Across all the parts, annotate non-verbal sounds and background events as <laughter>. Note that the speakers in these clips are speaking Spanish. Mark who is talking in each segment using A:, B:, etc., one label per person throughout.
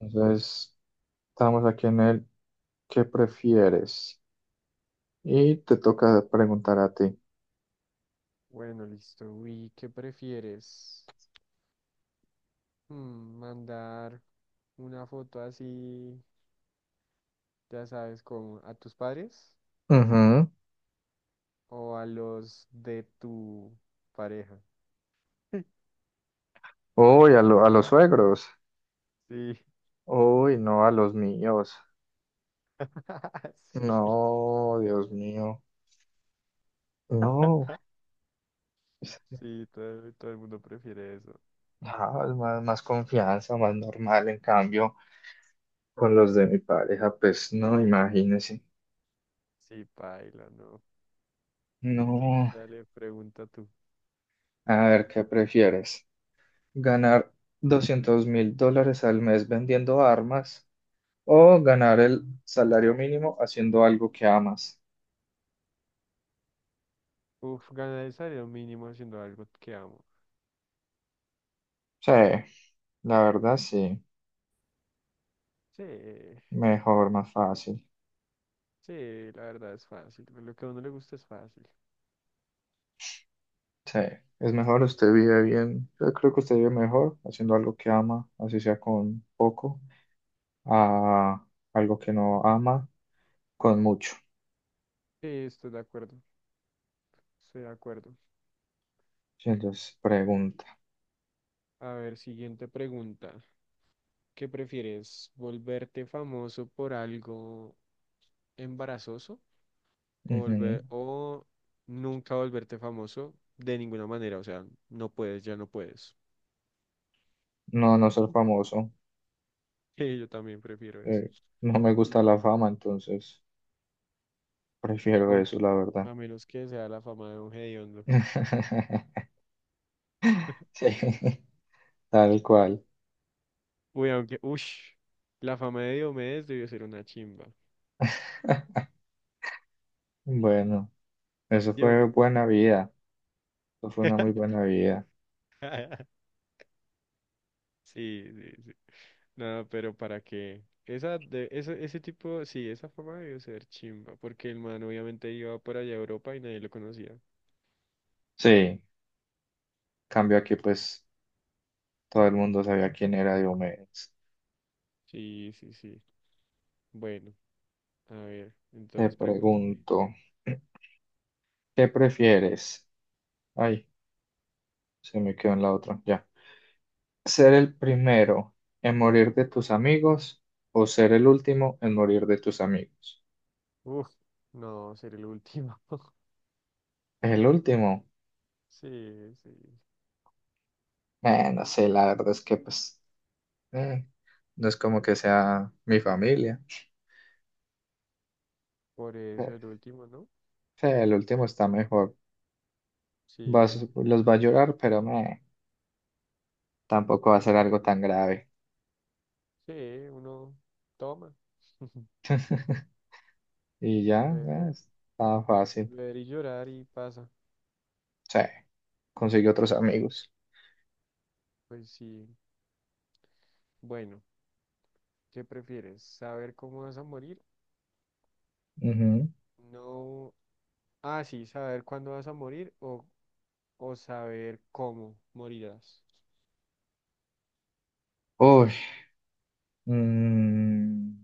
A: Entonces, estamos aquí en el ¿qué prefieres? Y te toca preguntar a ti.
B: Bueno, listo. Uy, ¿qué prefieres? ¿Mandar una foto así, ya sabes, como a tus padres
A: Ujú.
B: o a los de tu pareja?
A: Uy, a, lo- a los suegros.
B: Sí,
A: Uy, no, a los míos.
B: <laughs> sí,
A: No, Dios mío. No, pues,
B: sí, todo el mundo prefiere eso.
A: no, es más confianza, más normal. En cambio, con los de mi pareja, pues no, imagínese.
B: Sí, paila, no.
A: No,
B: Dale, pregunta tú.
A: a ver, ¿qué prefieres? ¿Ganar $200.000 al mes vendiendo armas? O ganar el salario mínimo haciendo algo que amas.
B: Uf, ganar el salario mínimo haciendo algo que amo.
A: Sí, la verdad sí.
B: Sí,
A: Mejor, más fácil.
B: sí, la verdad es fácil. Lo que a uno le gusta es fácil.
A: Sí, es mejor, usted vive bien. Yo creo que usted vive mejor haciendo algo que ama, así sea con poco, a algo que no ama, con mucho.
B: Sí, estoy de acuerdo. Estoy de acuerdo.
A: Sí, entonces, pregunta.
B: A ver, siguiente pregunta. ¿Qué prefieres? ¿Volverte famoso por algo embarazoso? ¿O
A: Ujú.
B: volver, o nunca volverte famoso de ninguna manera? O sea, no puedes, ya no puedes. <laughs>
A: No, no ser famoso.
B: Sí, yo también prefiero eso.
A: Eh, no me gusta la fama, entonces prefiero
B: Aun-
A: eso, la verdad.
B: a menos que sea la fama de un hediondo.
A: <laughs> Sí, tal cual.
B: Uy, aunque, ush, la fama de Diomedes debió ser una chimba.
A: <laughs> Bueno. Eso
B: ¿Sí o
A: fue
B: no?
A: buena vida, eso fue una muy
B: <laughs>
A: buena vida.
B: Sí, sí, sí. No, pero ¿para qué? Ese tipo, sí, esa fama debió ser chimba, porque el man obviamente iba por allá a Europa y nadie lo conocía.
A: Sí, cambio aquí pues todo el mundo sabía quién era Diomedes.
B: Sí, sí, sí. Bueno, a ver,
A: Te
B: entonces pregúntame.
A: pregunto, <clears throat> ¿qué prefieres? Ay, se me quedó en la otra, ya. ¿Ser el primero en morir de tus amigos o ser el último en morir de tus amigos?
B: Uf, no, ser el último. <laughs>
A: El último,
B: Sí, sí.
A: no sé, la verdad es que pues eh, no es como que sea mi familia.
B: Por eso
A: Eh,
B: el último, ¿no?
A: sí, el último está mejor. Vas,
B: Sí, sí.
A: los va a llorar, pero meh. Tampoco va a ser
B: Pero
A: algo tan grave.
B: sí, uno toma, <laughs>
A: <laughs> Y ya,
B: beber,
A: estaba
B: y
A: fácil.
B: beber y llorar y pasa.
A: Sí, conseguí otros
B: Sí,
A: amigos.
B: pues sí. Bueno, ¿qué prefieres? ¿Saber cómo vas a morir?
A: Ujú.
B: No. Ah, sí, saber cuándo vas a morir o saber cómo morirás.
A: Uy, mm,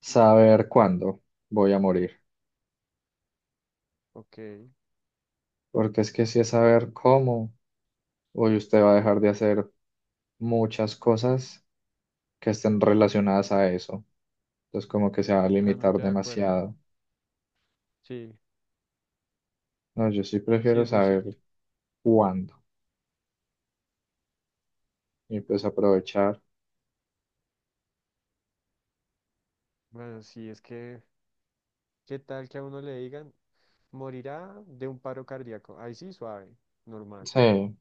A: saber cuándo voy a morir.
B: Ok,
A: Porque es que si es saber cómo, hoy usted va a dejar de hacer muchas cosas que estén relacionadas a eso. Entonces como que se va a limitar
B: totalmente de acuerdo.
A: demasiado.
B: Sí,
A: No, yo sí
B: sí
A: prefiero
B: es muy
A: saber
B: cierto.
A: cuándo y pues aprovechar.
B: Bueno, sí, es que, ¿qué tal que a uno le digan, morirá de un paro cardíaco? Ahí sí, suave, normal.
A: Sí,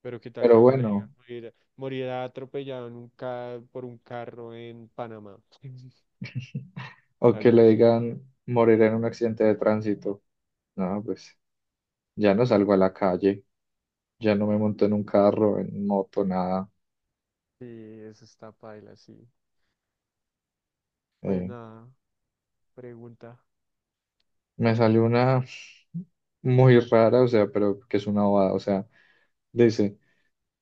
B: Pero ¿qué tal que
A: pero
B: a uno le
A: bueno.
B: digan, morirá atropellado en un por un carro en Panamá? <laughs>
A: O que
B: Algo
A: le
B: así.
A: digan morir en un accidente de tránsito. No, pues ya no salgo a la calle, ya no me monto en un carro, en moto, nada.
B: Sí, eso está paila, sí. Pues
A: Eh,
B: nada, pregunta.
A: Me salió una muy rara, o sea, pero que es una bobada. O sea, dice,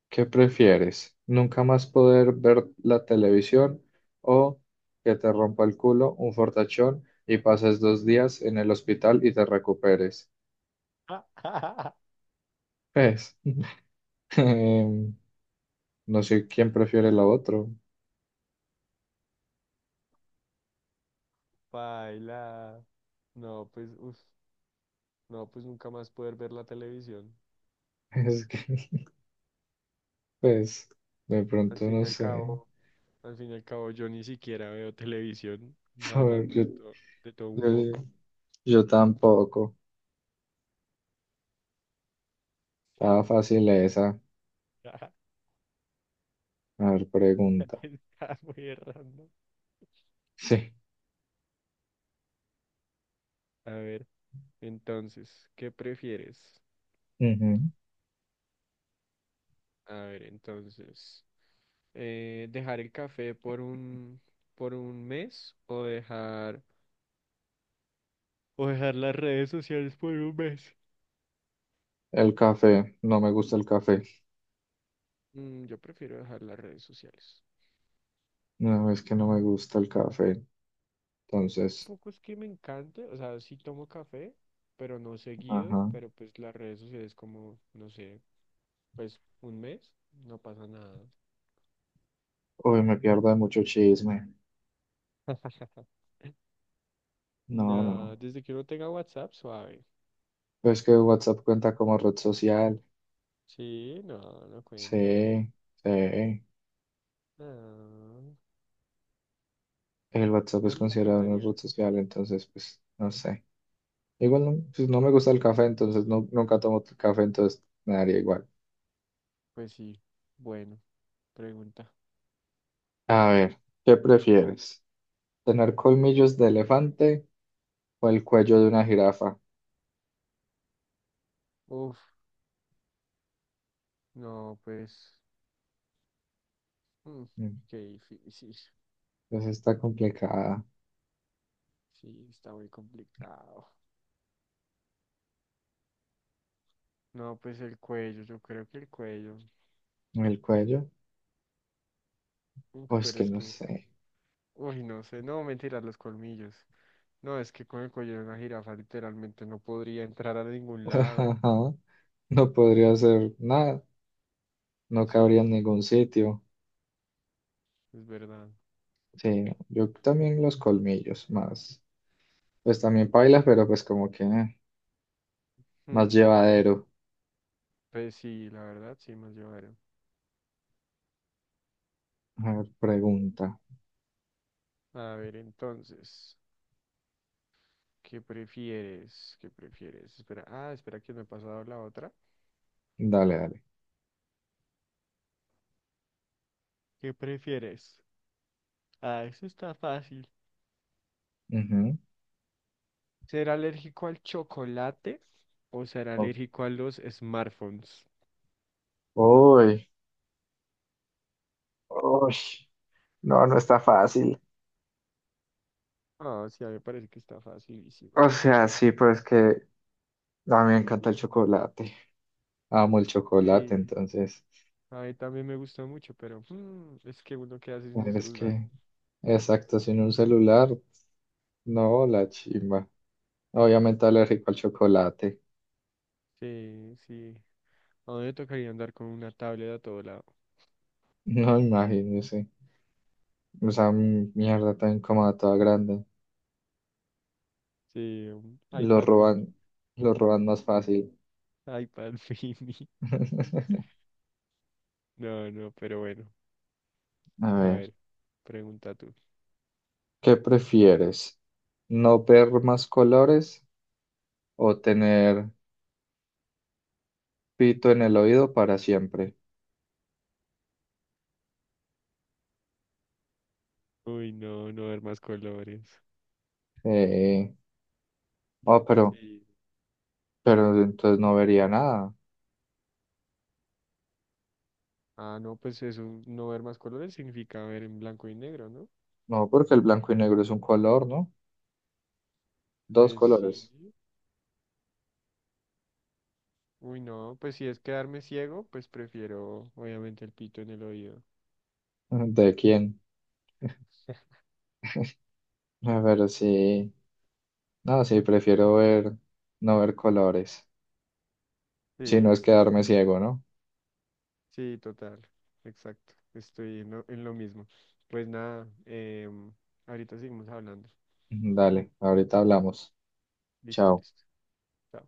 A: ¿qué prefieres? ¿Nunca más poder ver la televisión o que te rompa el culo, un fortachón y pases dos días en el hospital y te recuperes?
B: <laughs>
A: Pues, <laughs> em, no sé quién prefiere lo otro.
B: Paila. No, pues, uf, no, pues nunca más poder ver la televisión.
A: <laughs> Es que... Pues de
B: Al
A: pronto
B: fin
A: no
B: y al
A: sé,
B: cabo, Al fin y al cabo, yo ni siquiera veo televisión,
A: <laughs> por-
B: hablando
A: yo,
B: de todo un
A: yo,
B: poco.
A: yo tampoco. Estaba
B: Sí, no,
A: fácil esa.
B: <laughs> está,
A: A ver, pregunta.
B: muy random.
A: Sí.
B: A ver, entonces, ¿qué prefieres?
A: Ujú.
B: A ver, entonces, ¿dejar el café por por un mes o o dejar las redes sociales por un mes?
A: El café, no me gusta el café.
B: Mm, yo prefiero dejar las redes sociales.
A: No, es que no me gusta el café. Entonces,
B: Poco es que me encante, o sea, sí tomo café, pero no seguido,
A: ajá.
B: pero pues las redes sociales como, no sé, pues un mes, no pasa nada.
A: Uy, me pierdo de mucho chisme. No,
B: Nada,
A: no.
B: desde que uno tenga WhatsApp, suave.
A: Pues que WhatsApp cuenta como red social.
B: Sí, no, no cuentan.
A: Sí, sí.
B: No,
A: El WhatsApp es
B: yo no la
A: considerado una
B: contaría.
A: red social, entonces, pues, no sé. Igual no, pues no me gusta el café, entonces no, nunca tomo t- café, entonces me daría igual.
B: Pues sí, bueno, pregunta.
A: A ver, ¿qué prefieres? ¿Tener colmillos de elefante o el cuello de una jirafa?
B: Uf, no, pues, mm,
A: Mm,
B: qué difícil.
A: pues está complicada.
B: Sí, está muy complicado. No, pues el cuello, yo creo que el cuello.
A: ¿El cuello?
B: Uf,
A: Pues
B: pero
A: que
B: es
A: no
B: que
A: sé.
B: uy, no sé, no, mentira, los colmillos. No, es que con el cuello de una jirafa literalmente no podría entrar a ningún
A: <laughs>
B: lado.
A: Ajá, no podría hacer nada, no cabría en
B: Sí,
A: ningún sitio.
B: es verdad.
A: Sí, yo también los colmillos más. Pues también pailas, pero pues como que más
B: Hmm,
A: llevadero.
B: pues sí, la verdad, sí, más llevaron.
A: A ver, pregunta.
B: A ver, entonces, ¿qué prefieres? ¿Qué prefieres? Espera, ah, espera que me he pasado la otra.
A: Dale, dale.
B: ¿Qué prefieres? Ah, eso está fácil.
A: Ujú.
B: ¿Ser alérgico al chocolate o ser
A: O-
B: alérgico a los smartphones?
A: Uy, Uy, no, no está fácil.
B: Ah, sí, a mí me parece que está facilísima.
A: O sea, sí, pero es que a mí me encanta el chocolate. Amo el chocolate,
B: Sí.
A: entonces.
B: A mí también me gusta mucho, pero es que uno queda así sin un
A: Pero es
B: celular.
A: que, exacto, sin un celular, no, la chimba. Obviamente alérgico al chocolate. <laughs>
B: Sí, sí. A mí me tocaría andar con una tablet a todo lado.
A: No, imagínese. O sea, mi mierda tan incómoda, toda grande.
B: Sí, un
A: Lo
B: iPad mini.
A: roban, lo roban más fácil.
B: IPad <laughs> mini.
A: <laughs>
B: No, no, pero bueno.
A: A
B: A
A: ver,
B: ver, pregunta tú.
A: ¿qué prefieres? ¿No ver más colores o tener pito en el oído para siempre?
B: Uy, no, no ver más colores.
A: Eh, oh,
B: Sí.
A: pero entonces no vería nada.
B: Ah, no, pues eso, no ver más colores significa ver en blanco y negro, ¿no?
A: No, porque el blanco y negro es un color, ¿no? Dos
B: Pues sí.
A: colores.
B: Uy, no, pues si es quedarme ciego, pues prefiero obviamente el pito en el oído.
A: <laughs> ¿De quién? A ver, sí. No, sí, prefiero ver, no ver colores. Si
B: Sí,
A: no es
B: sí,
A: quedarme ciego, ¿no?
B: sí, total, exacto. Estoy en en lo mismo. Pues nada, ahorita seguimos hablando.
A: <laughs> Dale, ahorita hablamos.
B: Listo,
A: Chao.
B: listo. Chao.